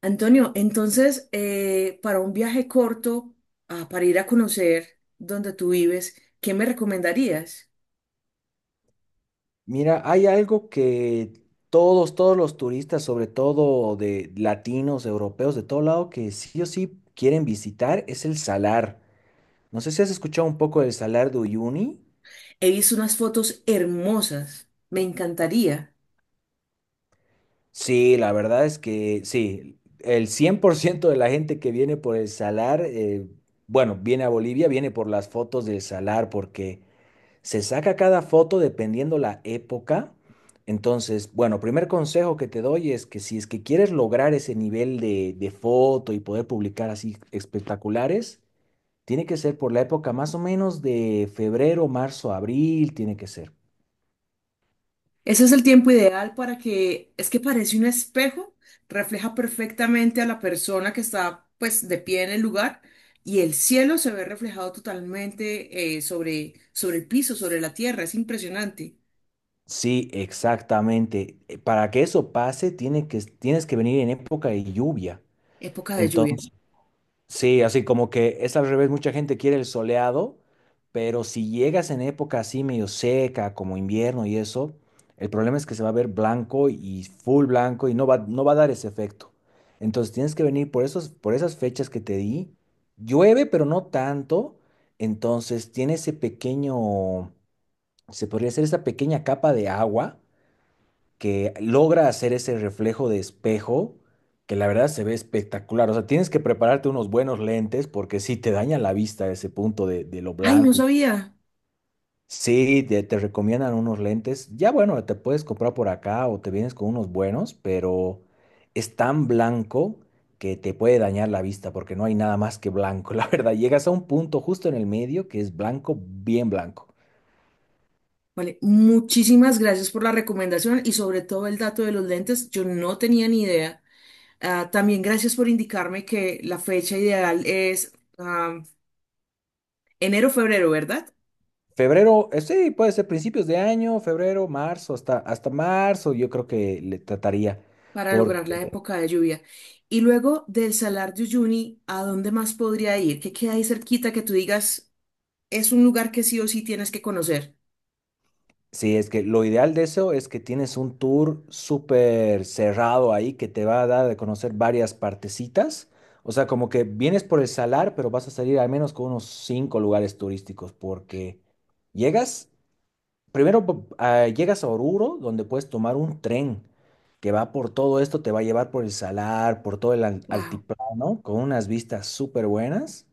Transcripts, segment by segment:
Antonio, entonces, para un viaje corto, para ir a conocer donde tú vives, ¿qué me recomendarías? Mira, hay algo que todos los turistas, sobre todo de latinos, europeos, de todo lado, que sí o sí quieren visitar, es el salar. No sé si has escuchado un poco del salar de Uyuni. He visto unas fotos hermosas, me encantaría. Sí, la verdad es que sí, el 100% de la gente que viene por el salar, bueno, viene a Bolivia, viene por las fotos del salar, porque se saca cada foto dependiendo la época. Entonces, bueno, primer consejo que te doy es que si es que quieres lograr ese nivel de foto y poder publicar así espectaculares, tiene que ser por la época más o menos de febrero, marzo, abril, tiene que ser. Ese es el tiempo ideal para que, es que parece un espejo, refleja perfectamente a la persona que está pues de pie en el lugar y el cielo se ve reflejado totalmente sobre el piso, sobre la tierra, es impresionante. Sí, exactamente. Para que eso pase, tienes que venir en época de lluvia. Época de lluvia. Sí, así como que es al revés, mucha gente quiere el soleado, pero si llegas en época así medio seca, como invierno y eso, el problema es que se va a ver blanco y full blanco y no va a dar ese efecto. Entonces tienes que venir por esas fechas que te di. Llueve, pero no tanto, entonces tiene ese pequeño, se podría hacer esa pequeña capa de agua que logra hacer ese reflejo de espejo, que la verdad se ve espectacular. O sea, tienes que prepararte unos buenos lentes porque sí te dañan la vista ese punto de lo Ay, no blanco. Y sabía. sí, te recomiendan unos lentes. Ya bueno, te puedes comprar por acá o te vienes con unos buenos, pero es tan blanco que te puede dañar la vista porque no hay nada más que blanco. La verdad, llegas a un punto justo en el medio que es blanco, bien blanco. Vale, muchísimas gracias por la recomendación y sobre todo el dato de los lentes. Yo no tenía ni idea. Ah, también gracias por indicarme que la fecha ideal es ah, enero-febrero, ¿verdad? Febrero, sí, puede ser principios de año, febrero, marzo, hasta marzo, yo creo que le trataría. Para lograr la Porque época de lluvia. Y luego del Salar de Uyuni, ¿a dónde más podría ir? ¿Qué queda ahí cerquita que tú digas es un lugar que sí o sí tienes que conocer? sí, es que lo ideal de eso es que tienes un tour súper cerrado ahí que te va a dar de conocer varias partecitas. O sea, como que vienes por el salar, pero vas a salir al menos con unos cinco lugares turísticos, porque llegas llegas a Oruro, donde puedes tomar un tren que va por todo esto, te va a llevar por el Salar, por todo el Wow. altiplano, con unas vistas súper buenas.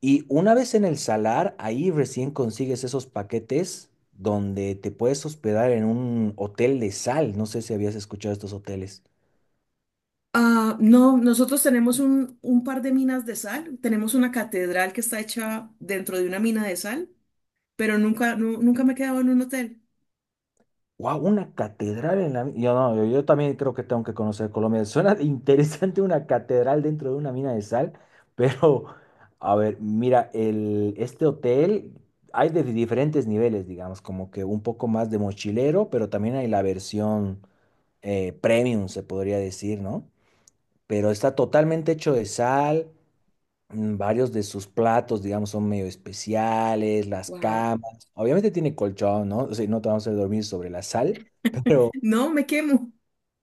Y una vez en el Salar, ahí recién consigues esos paquetes donde te puedes hospedar en un hotel de sal. No sé si habías escuchado estos hoteles. Ah, no, nosotros tenemos un par de minas de sal. Tenemos una catedral que está hecha dentro de una mina de sal. Pero nunca me he quedado en un hotel. Wow, una catedral en la... Yo, no, yo también creo que tengo que conocer Colombia. Suena interesante una catedral dentro de una mina de sal, pero a ver, mira, este hotel hay de diferentes niveles, digamos, como que un poco más de mochilero, pero también hay la versión premium, se podría decir, ¿no? Pero está totalmente hecho de sal. Varios de sus platos, digamos, son medio especiales, las Wow. camas. Obviamente tiene colchón, ¿no? O sea, no te vamos a hacer dormir sobre la sal. Pero No, me quemo.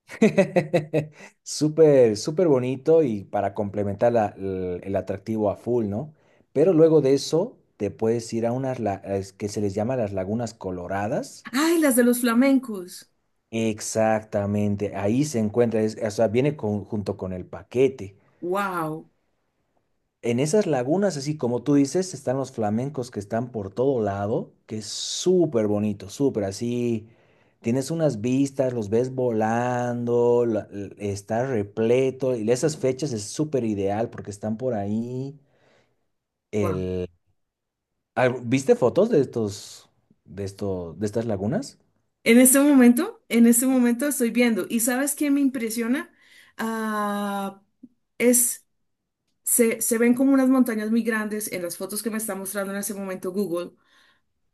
súper, súper bonito y para complementar el atractivo a full, ¿no? Pero luego de eso te puedes ir a unas es que se les llama las lagunas coloradas. Ay, las de los flamencos. Exactamente, ahí se encuentra, o sea, viene junto con el paquete. Wow. En esas lagunas, así como tú dices, están los flamencos que están por todo lado, que es súper bonito, súper así. Tienes unas vistas, los ves volando, está repleto. Y esas fechas es súper ideal porque están por ahí. Wow. El... ¿Viste fotos de estos, de estas lagunas? En este momento estoy viendo. ¿Y sabes qué me impresiona? Ah, es, se ven como unas montañas muy grandes en las fotos que me está mostrando en ese momento Google,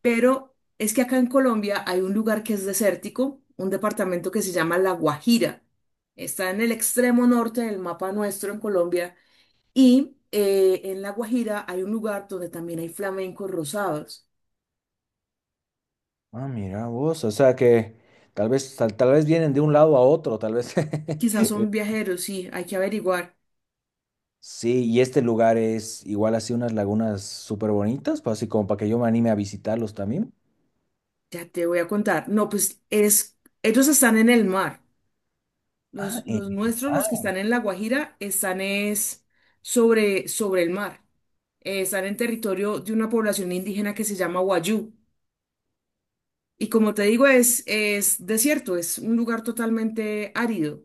pero es que acá en Colombia hay un lugar que es desértico, un departamento que se llama La Guajira. Está en el extremo norte del mapa nuestro en Colombia. Y en La Guajira hay un lugar donde también hay flamencos rosados. Ah, mira vos, o sea que tal vez vienen de un lado a otro, tal vez. Quizás El son viajeros, sí, hay que averiguar. sí, y este lugar es igual así unas lagunas súper bonitas, pues así como para que yo me anime a visitarlos también. Ya te voy a contar. No, pues es, ellos están en el mar. Ah, en Los el nuestros, los que mar. están en La Guajira, están es sobre, sobre el mar. Están en territorio de una población indígena que se llama Wayú. Y como te digo, es desierto, es un lugar totalmente árido.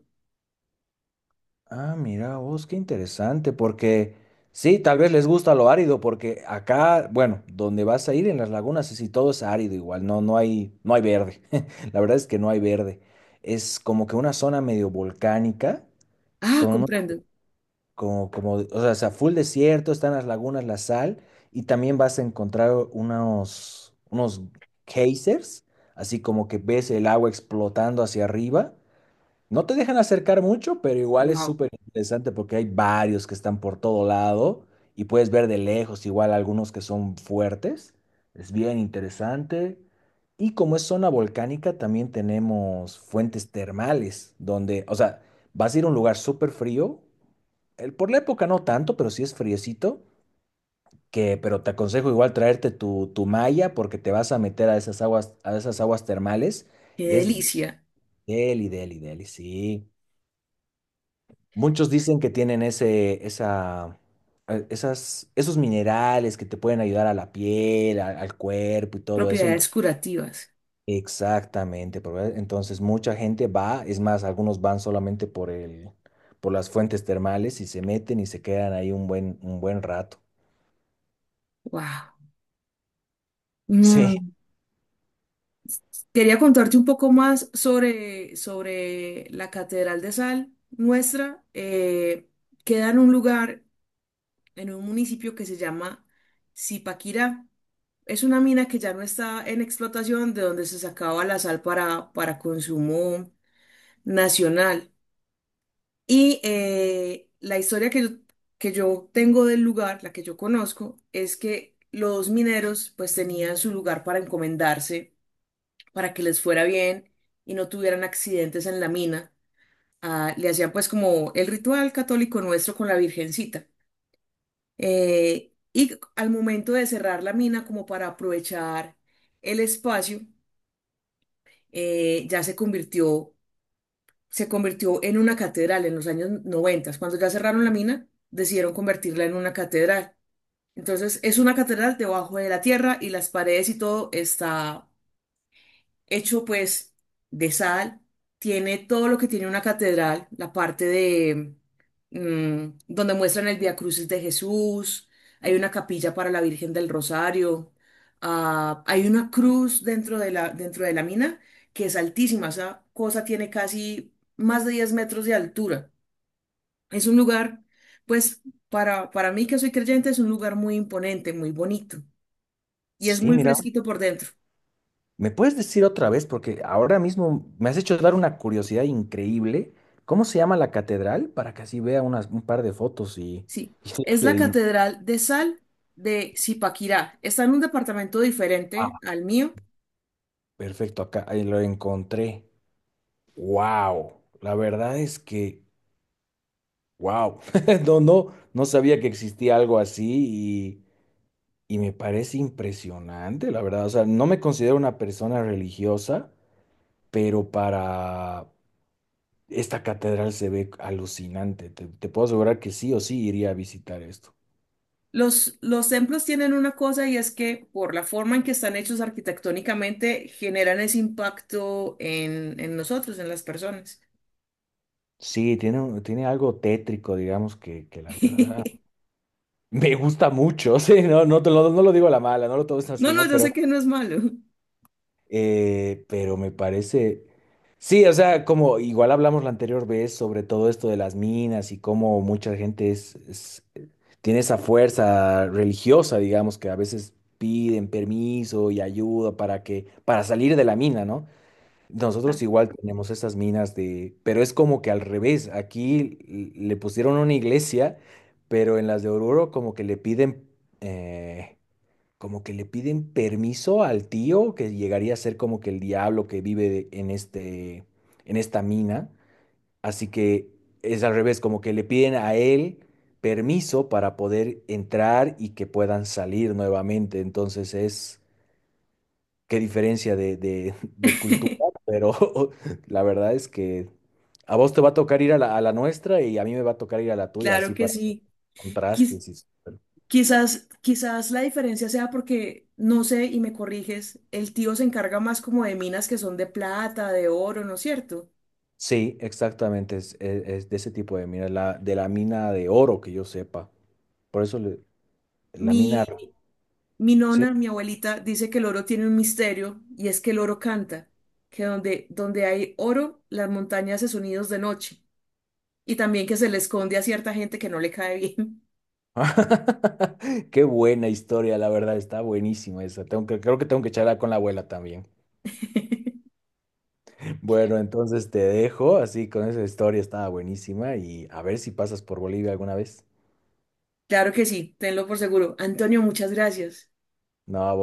Ah, mira vos, qué interesante, porque sí, tal vez les gusta lo árido, porque acá, bueno, donde vas a ir en las lagunas, sí, todo es árido igual, no, no hay verde. La verdad es que no hay verde. Es como que una zona medio volcánica, Ah, con unos comprendo. O sea, full desierto, están las lagunas, la sal, y también vas a encontrar unos geysers, así como que ves el agua explotando hacia arriba. No te dejan acercar mucho, pero igual es Wow, súper interesante porque hay varios que están por todo lado y puedes ver de lejos igual algunos que son fuertes. Es bien interesante. Y como es zona volcánica, también tenemos fuentes termales, donde, o sea, vas a ir a un lugar súper frío, el, por la época no tanto, pero sí es friecito, que, pero te aconsejo igual traerte tu malla porque te vas a meter a esas aguas termales qué y es delicia. deli, deli, deli, sí. Muchos dicen que tienen esa, esos minerales que te pueden ayudar a la piel, al cuerpo y todo eso. Ento- Propiedades curativas. exactamente, pero, entonces mucha gente va, es más, algunos van solamente por las fuentes termales y se meten y se quedan ahí un buen rato. Wow. Sí. Mm, quería contarte un poco más sobre la Catedral de Sal nuestra. Queda en un lugar, en un municipio que se llama Zipaquirá. Es una mina que ya no está en explotación, de donde se sacaba la sal para consumo nacional. Y la historia que yo tengo del lugar, la que yo conozco, es que los mineros pues tenían su lugar para encomendarse para que les fuera bien y no tuvieran accidentes en la mina. Ah, le hacían pues como el ritual católico nuestro con la Virgencita. Y al momento de cerrar la mina, como para aprovechar el espacio, eh, ya se convirtió, se convirtió en una catedral en los años 90. Cuando ya cerraron la mina, decidieron convertirla en una catedral. Entonces es una catedral debajo de la tierra y las paredes y todo está hecho pues de sal, tiene todo lo que tiene una catedral, la parte de donde muestran el Vía Crucis de Jesús, hay una capilla para la Virgen del Rosario, hay una cruz dentro de la mina que es altísima, esa cosa tiene casi más de 10 metros de altura. Es un lugar, pues para mí que soy creyente, es un lugar muy imponente, muy bonito y es Sí, muy mira, fresquito por dentro. ¿me puedes decir otra vez? Porque ahora mismo me has hecho dar una curiosidad increíble. ¿Cómo se llama la catedral? Para que así vea unas, un par de fotos y Sí, es que la diga, Catedral de Sal de Zipaquirá. Está en un departamento ah, diferente al mío. perfecto, acá ahí lo encontré. ¡Wow! La verdad es que, wow. No, no, no sabía que existía algo así y me parece impresionante, la verdad. O sea, no me considero una persona religiosa, pero para esta catedral se ve alucinante. Te puedo asegurar que sí o sí iría a visitar esto. Los templos tienen una cosa y es que por la forma en que están hechos arquitectónicamente generan ese impacto en nosotros, en las personas. Sí, tiene, tiene algo tétrico, digamos, que la verdad me gusta mucho. Sí, no, no, te lo, no lo digo a la mala, no lo tomes No, así, no, ¿no? yo sé que no es malo. Pero me parece. Sí, o sea, como igual hablamos la anterior vez sobre todo esto de las minas y cómo mucha gente tiene esa fuerza religiosa, digamos, que a veces piden permiso y ayuda para salir de la mina, ¿no? Nosotros Para- igual tenemos estas minas de, pero es como que al revés, aquí le pusieron una iglesia, pero en las de Oruro como que le piden, eh, como que le piden permiso al tío, que llegaría a ser como que el diablo que vive en este, en esta mina, así que es al revés, como que le piden a él permiso para poder entrar y que puedan salir nuevamente, entonces es qué diferencia de cultura, pero la verdad es que a vos te va a tocar ir a a la nuestra y a mí me va a tocar ir a la tuya, Claro así que para ver sí. Quiz- contrastes. Y quizás la diferencia sea porque, no sé, y me corriges, el tío se encarga más como de minas que son de plata, de oro, ¿no es cierto? sí, exactamente, es de ese tipo de mina, la, de la mina de oro que yo sepa. Por eso le- la Mi, mina, mi sí. nona, mi abuelita, dice que el oro tiene un misterio y es que el oro canta, que donde hay oro, las montañas se sonidos de noche y también que se le esconde a cierta gente que no le cae bien. Qué buena historia, la verdad, está buenísima esa. Tengo que, creo que tengo que charlar con la abuela también. Bueno, entonces te dejo, así con esa historia estaba buenísima y a ver si pasas por Bolivia alguna vez. Claro que sí, tenlo por seguro. Antonio, muchas gracias. No, a vos.